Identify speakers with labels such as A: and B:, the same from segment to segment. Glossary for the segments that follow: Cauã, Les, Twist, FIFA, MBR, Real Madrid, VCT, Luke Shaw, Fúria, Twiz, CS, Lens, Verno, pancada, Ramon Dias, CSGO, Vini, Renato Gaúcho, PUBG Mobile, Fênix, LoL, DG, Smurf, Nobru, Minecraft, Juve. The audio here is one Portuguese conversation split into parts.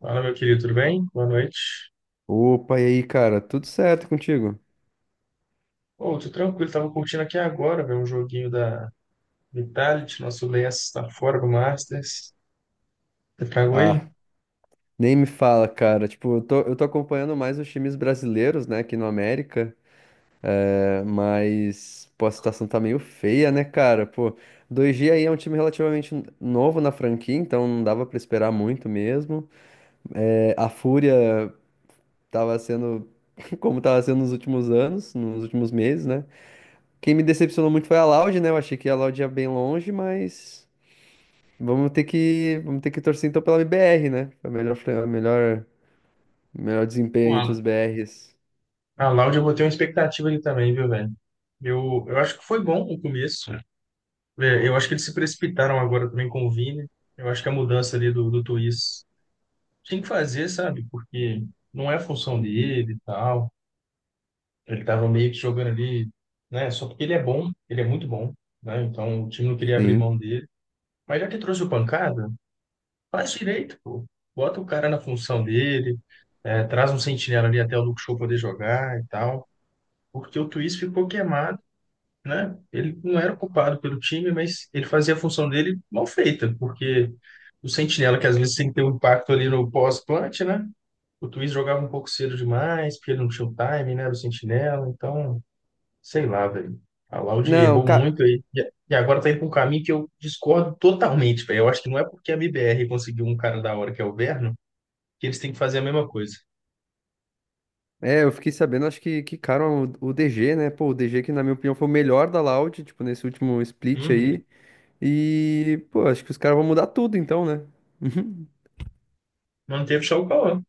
A: Fala, meu querido, tudo bem? Boa noite.
B: Opa, e aí, cara? Tudo certo contigo?
A: Ô, tô tranquilo, tava curtindo aqui agora, velho, um joguinho da Vitality, nosso Lens tá fora do Masters. Você tragou
B: Ah,
A: ele?
B: nem me fala, cara. Tipo, eu tô acompanhando mais os times brasileiros, né, aqui no América, mas, pô, a situação tá meio feia, né, cara? Pô, dois g aí é um time relativamente novo na franquia, então não dava pra esperar muito mesmo. É, a Fúria tava sendo como tava sendo nos últimos anos, nos últimos meses, né? Quem me decepcionou muito foi a Loud, né? Eu achei que a Loud ia bem longe, mas. Vamos ter que torcer então pela BR, né? Pra melhor
A: Pô,
B: desempenho entre
A: Alan,
B: os BRs.
A: a Loud eu botei uma expectativa ali também, viu, velho? Eu acho que foi bom o começo. É, eu acho que eles se precipitaram agora também com o Vini. Eu acho que a mudança ali do Twist tinha que fazer, sabe? Porque não é a função
B: Uhum.
A: dele e tal. Ele tava meio que jogando ali, né? Só porque ele é bom, ele é muito bom, né? Então o time não queria abrir
B: Sim.
A: mão dele. Mas já que trouxe o pancada, faz direito, pô. Bota o cara na função dele, é, traz um sentinela ali até o Luke Shaw poder jogar e tal. Porque o Twist ficou queimado, né? Ele não era culpado pelo time, mas ele fazia a função dele mal feita, porque o sentinela, que às vezes tem que ter um impacto ali no pós-plant, né? O Twist jogava um pouco cedo demais, porque ele não tinha o time, né? Era o sentinela, então sei lá, velho. A Laude
B: Não,
A: errou
B: cara.
A: muito aí. E agora tá indo pra um caminho que eu discordo totalmente, velho. Eu acho que não é porque a MBR conseguiu um cara da hora que é o Verno, que eles têm que fazer a mesma coisa.
B: É, eu fiquei sabendo, acho que, cara, o DG, né? Pô, o DG que, na minha opinião, foi o melhor da Loud, tipo, nesse último split
A: Uhum.
B: aí. E, pô, acho que os caras vão mudar tudo então, né? Uhum.
A: Manteve só o Cauã,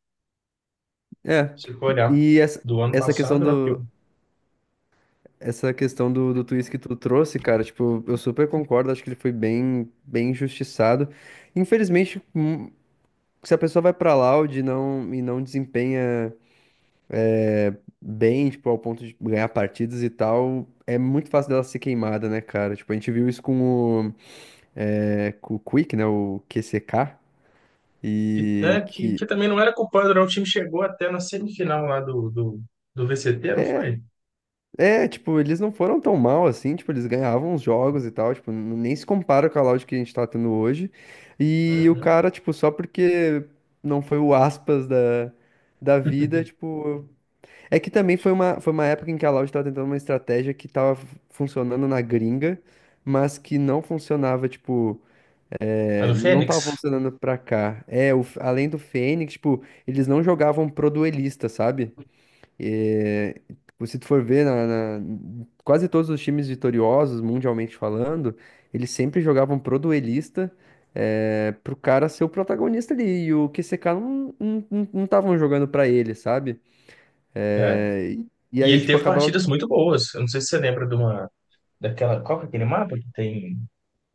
B: É.
A: se for olhar.
B: E essa,
A: Do ano
B: essa questão
A: passado, né? Porque, o-
B: do. Essa questão do twist que tu trouxe, cara, tipo, eu super concordo, acho que ele foi bem, bem injustiçado. Infelizmente, se a pessoa vai pra Loud e não desempenha bem, tipo, ao ponto de ganhar partidas e tal, é muito fácil dela ser queimada, né, cara? Tipo, a gente viu isso com o Quick, né, o QCK,
A: que,
B: e
A: é, que,
B: que...
A: que também não era culpado, não. O time chegou até na semifinal lá do VCT, não foi?
B: É, tipo, eles não foram tão mal assim, tipo, eles ganhavam os jogos e tal, tipo, nem se compara com a Loud que a gente tá tendo hoje. E o
A: Uhum.
B: cara, tipo, só porque não foi o aspas da vida, tipo, é que também foi uma época em que a Loud estava tentando uma estratégia que estava funcionando na gringa, mas que não funcionava, tipo,
A: A do
B: não
A: Fênix?
B: estava funcionando pra cá. É, além do Fênix, tipo, eles não jogavam pro duelista, sabe? É, tipo, se tu for ver, quase todos os times vitoriosos, mundialmente falando, eles sempre jogavam pro duelista, pro cara ser o protagonista ali, e o QCK não, não, não, não estavam jogando pra ele, sabe?
A: É.
B: É, e
A: E
B: aí,
A: ele
B: tipo,
A: teve
B: acabava.
A: partidas muito boas. Eu não sei se você lembra de uma. Daquela. Qual que é aquele mapa que tem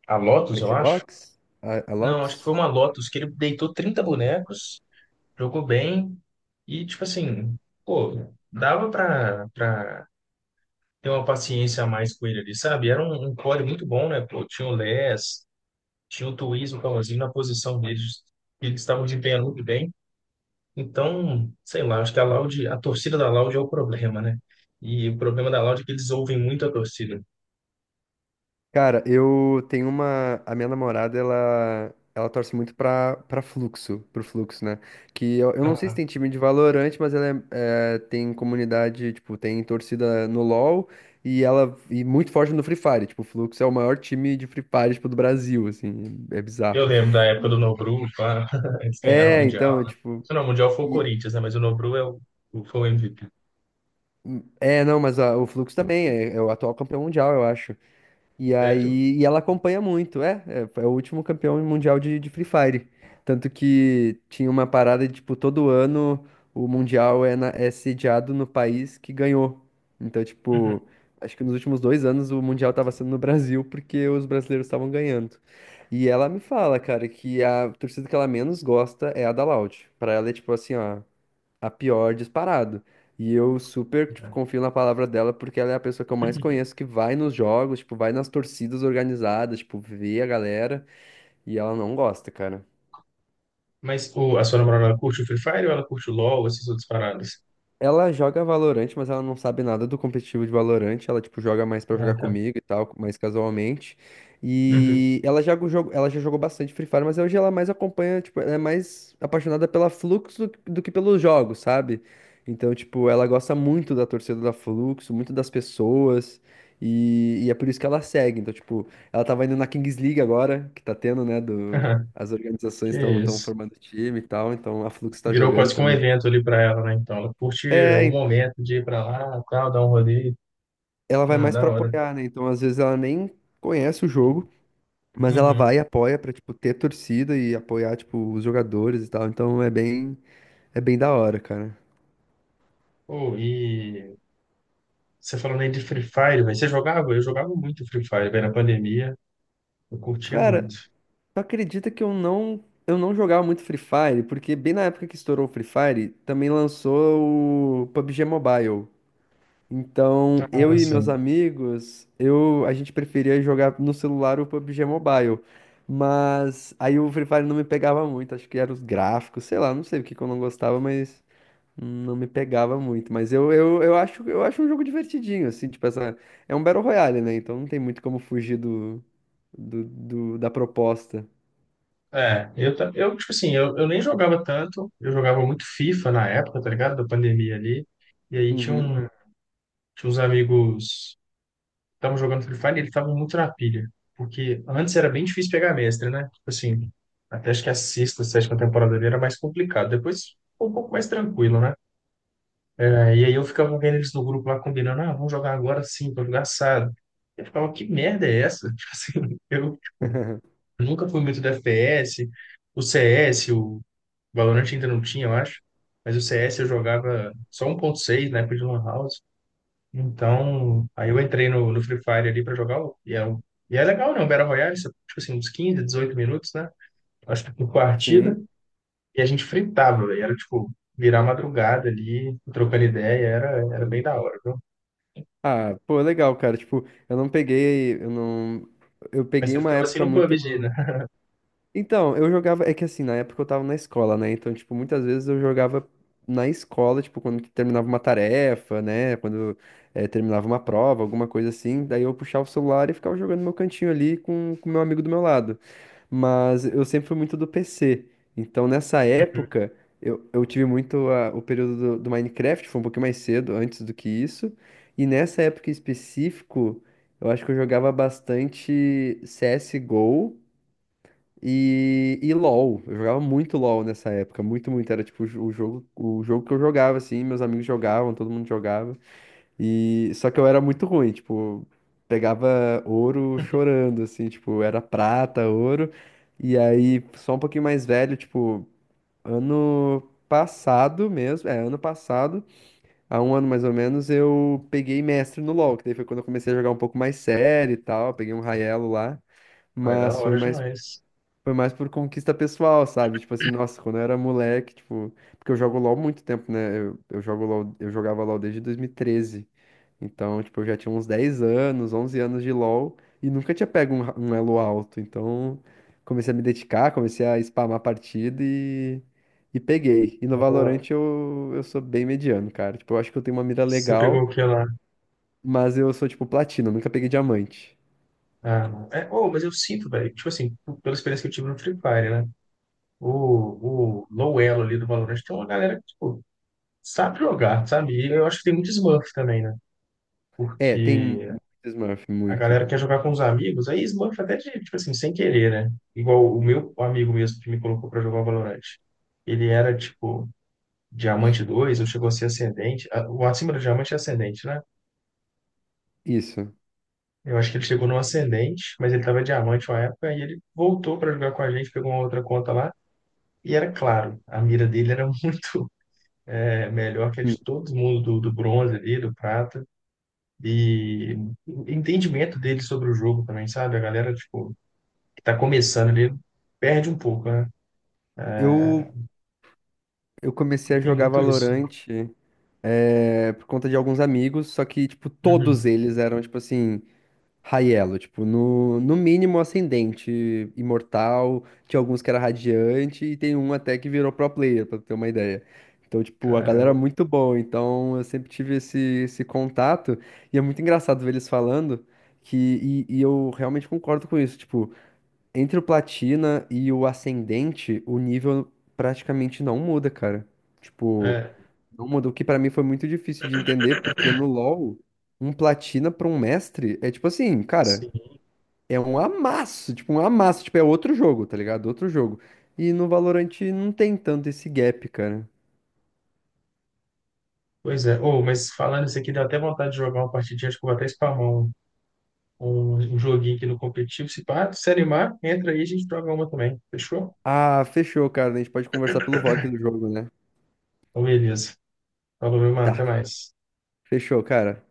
A: a Lotus, eu acho?
B: Icebox? A
A: Não, acho que foi
B: Lotus?
A: uma Lotus, que ele deitou 30 bonecos, jogou bem, e tipo assim, pô, dava pra ter uma paciência a mais com ele ali, sabe? Era um core muito bom, né? Pô, tinha o Les, tinha o Twiz, o Palazinho na posição deles, que eles estavam desempenhando muito bem. Então, sei lá, acho que a Loud, a torcida da Loud é o problema, né? E o problema da Loud é que eles ouvem muito a torcida.
B: Cara, eu tenho uma. A minha namorada, ela. Ela torce muito pro Fluxo, né? Que eu não sei se tem time de Valorant, mas ela tem comunidade, tipo, tem torcida no LoL e ela e muito forte no Free Fire. Tipo, o Fluxo é o maior time de Free Fire, tipo, do Brasil, assim, é bizarro.
A: Eu lembro da época do Nobru, pá, eles ganharam o
B: É,
A: Mundial,
B: então,
A: né?
B: tipo.
A: Não, o Mundial foi o
B: e-
A: Corinthians, né? Mas o Nobru é o, foi o MVP.
B: não, mas o Fluxo também é, é o atual campeão mundial, eu acho. E
A: Sério?
B: aí, e ela acompanha muito, é o último campeão mundial de Free Fire. Tanto que tinha uma parada de, tipo, todo ano o mundial é, é sediado no país que ganhou. Então,
A: Uhum.
B: tipo, acho que nos últimos 2 anos o mundial tava sendo no Brasil porque os brasileiros estavam ganhando. E ela me fala, cara, que a torcida que ela menos gosta é a da Loud. Pra ela é tipo assim, ó, a pior disparado. E eu super, tipo, confio na palavra dela porque ela é a pessoa que eu mais conheço que vai nos jogos, tipo, vai nas torcidas organizadas, tipo, vê a galera e ela não gosta, cara.
A: Mas o, a sua namorada, ela curte o Free Fire ou ela curte o LoL, essas outras paradas?
B: Ela joga Valorant, mas ela não sabe nada do competitivo de Valorant. Ela, tipo, joga mais pra
A: Ah,
B: jogar
A: tá.
B: comigo e tal, mais casualmente.
A: Uhum.
B: E ela já jogou bastante Free Fire, mas hoje ela mais acompanha, tipo, ela é mais apaixonada pela Flux do que pelos jogos, sabe? Então, tipo, ela gosta muito da torcida da Flux, muito das pessoas. E é por isso que ela segue. Então, tipo, ela tava indo na Kings League agora, que tá tendo, né, do...
A: Aham.
B: As organizações
A: Que
B: estão
A: isso.
B: formando time e tal, então a Flux tá
A: Virou
B: jogando
A: quase que um
B: também.
A: evento ali pra ela, né? Então, ela curte o
B: É,
A: momento de ir pra lá, tal, dar um rolê.
B: ela vai
A: Ah,
B: mais
A: da
B: pra
A: hora.
B: apoiar, né? Então, às vezes ela nem conhece o jogo, mas ela
A: Uhum.
B: vai e apoia pra, tipo, ter torcida e apoiar, tipo, os jogadores e tal. Então, é bem da hora, cara.
A: Pô, e você falando aí de Free Fire, velho, você jogava? Eu jogava muito Free Fire, velho, na pandemia. Eu curtia
B: Cara,
A: muito.
B: tu acredita que eu não jogava muito Free Fire? Porque bem na época que estourou o Free Fire, também lançou o PUBG Mobile. Então, eu e
A: Nossa.
B: meus amigos, eu, a gente preferia jogar no celular o PUBG Mobile. Mas aí o Free Fire não me pegava muito, acho que eram os gráficos, sei lá, não sei o que que eu não gostava, mas não me pegava muito. Mas eu acho um jogo divertidinho, assim, tipo, essa, é um Battle Royale, né? Então não tem muito como fugir da proposta.
A: É, eu tipo assim, eu nem jogava tanto, eu jogava muito FIFA na época, tá ligado? Da pandemia ali. E aí tinha,
B: Uhum.
A: um, tinha uns amigos que estavam jogando Free Fire e eles estavam muito na pilha. Porque antes era bem difícil pegar mestre, né? Tipo assim, até acho que a sexta, sétima temporada ali era mais complicado. Depois ficou um pouco mais tranquilo, né? É, e aí eu ficava vendo eles no grupo lá combinando, ah, vamos jogar agora sim, pra jogar assado. Eu ficava, que merda é essa? Tipo assim, eu tipo, nunca fui muito do FPS, o CS, Valorant ainda não tinha, eu acho. Mas o CS eu jogava só um 1.6 na época de Lan House. Então, aí eu entrei no Free Fire ali para jogar. E e é legal, né? O Battle Royale, você- tipo assim, uns 15, 18 minutos, né? Acho que por partida.
B: Sim.
A: E a gente fritava, velho. Era tipo, virar madrugada ali, trocando ideia. Era, era bem
B: Obrigado.
A: da hora, viu?
B: Ah, pô, legal, cara. Tipo, eu não peguei, eu não, eu
A: Mas
B: peguei
A: você
B: uma
A: ficava assim
B: época
A: no
B: muito.
A: PUBG, né?
B: Então, eu jogava. É que assim, na época eu tava na escola, né? Então, tipo, muitas vezes eu jogava na escola, tipo, quando terminava uma tarefa, né? Quando terminava uma prova, alguma coisa assim. Daí eu puxava o celular e ficava jogando no meu cantinho ali com o meu amigo do meu lado. Mas eu sempre fui muito do PC. Então, nessa
A: Uhum.
B: época, eu tive muito o período do Minecraft, foi um pouquinho mais cedo, antes do que isso. E nessa época em específico, eu acho que eu jogava bastante CSGO. E LoL, eu jogava muito LoL nessa época, muito, muito. Era tipo o jogo que eu jogava, assim, meus amigos jogavam, todo mundo jogava. E só que eu era muito ruim, tipo, pegava ouro chorando, assim, tipo, era prata, ouro. E aí, só um pouquinho mais velho, tipo, ano passado mesmo, ano passado, há um ano mais ou menos, eu peguei mestre no LoL, que daí foi quando eu comecei a jogar um pouco mais sério e tal, peguei um Raiello lá,
A: Vai da
B: mas foi
A: hora
B: mais
A: demais.
B: foi mais por conquista pessoal, sabe? Tipo assim, nossa, quando eu era moleque, tipo. Porque eu jogo LOL há muito tempo, né? Eu jogo LOL, eu jogava LOL desde 2013. Então, tipo, eu já tinha uns 10 anos, 11 anos de LOL e nunca tinha pego um, um elo alto. Então, comecei a me dedicar, comecei a spamar a partida e peguei. E no
A: Da hora.
B: Valorant eu sou bem mediano, cara. Tipo, eu acho que eu tenho uma mira
A: Você pegou
B: legal,
A: o que lá?
B: mas eu sou, tipo, platina, nunca peguei diamante.
A: Ah, é, oh, mas eu sinto, velho, tipo assim, p- pela experiência que eu tive no Free Fire, né? O low elo ali do Valorant tem uma galera que, tipo, sabe jogar, sabe? E eu acho que tem muito Smurf também, né?
B: É, tem
A: Porque
B: muito Smurf,
A: a
B: muito.
A: galera quer jogar com os amigos, aí Smurf até de, tipo assim, sem querer, né? Igual o meu amigo mesmo que me colocou pra jogar Valorant. Ele era, tipo, diamante 2 ou chegou a ser ascendente. A- o acima do diamante é ascendente, né?
B: Isso.
A: Eu acho que ele chegou no ascendente, mas ele tava diamante uma época, e ele voltou pra jogar com a gente, pegou uma outra conta lá, e era claro, a mira dele era é melhor que a
B: Hum.
A: de todo mundo do bronze ali, do prata. E entendimento dele sobre o jogo também, sabe? A galera, tipo, que tá começando ali, perde um pouco, né?
B: Eu Eu comecei a
A: Tem
B: jogar
A: muito isso.
B: Valorant por conta de alguns amigos, só que, tipo, todos
A: Uhum.
B: eles eram, tipo assim, high elo, tipo, no mínimo ascendente, imortal, tinha alguns que era radiante e tem um até que virou pro player, pra ter uma ideia. Então, tipo, a galera é
A: Caramba.
B: muito boa, então eu sempre tive esse, contato e é muito engraçado ver eles falando que, e eu realmente concordo com isso, tipo, entre o Platina e o Ascendente, o nível praticamente não muda, cara. Tipo,
A: É,
B: não muda. O que pra mim foi muito difícil de entender, porque no LoL, um Platina pra um mestre é tipo assim, cara,
A: sim.
B: é um amasso. Tipo, um amasso. Tipo, é outro jogo, tá ligado? Outro jogo. E no Valorant não tem tanto esse gap, cara.
A: Pois é. Oh, mas falando isso aqui, deu até vontade de jogar uma partidinha. Acho que eu vou até spamar um joguinho aqui no competitivo. Se pá, se animar, entra aí e a gente joga uma também. Fechou?
B: Ah, fechou, cara. A gente pode conversar pelo VoIP do jogo, né?
A: Então, beleza. Falou, meu mano. Até
B: Tá,
A: mais.
B: fechou, cara.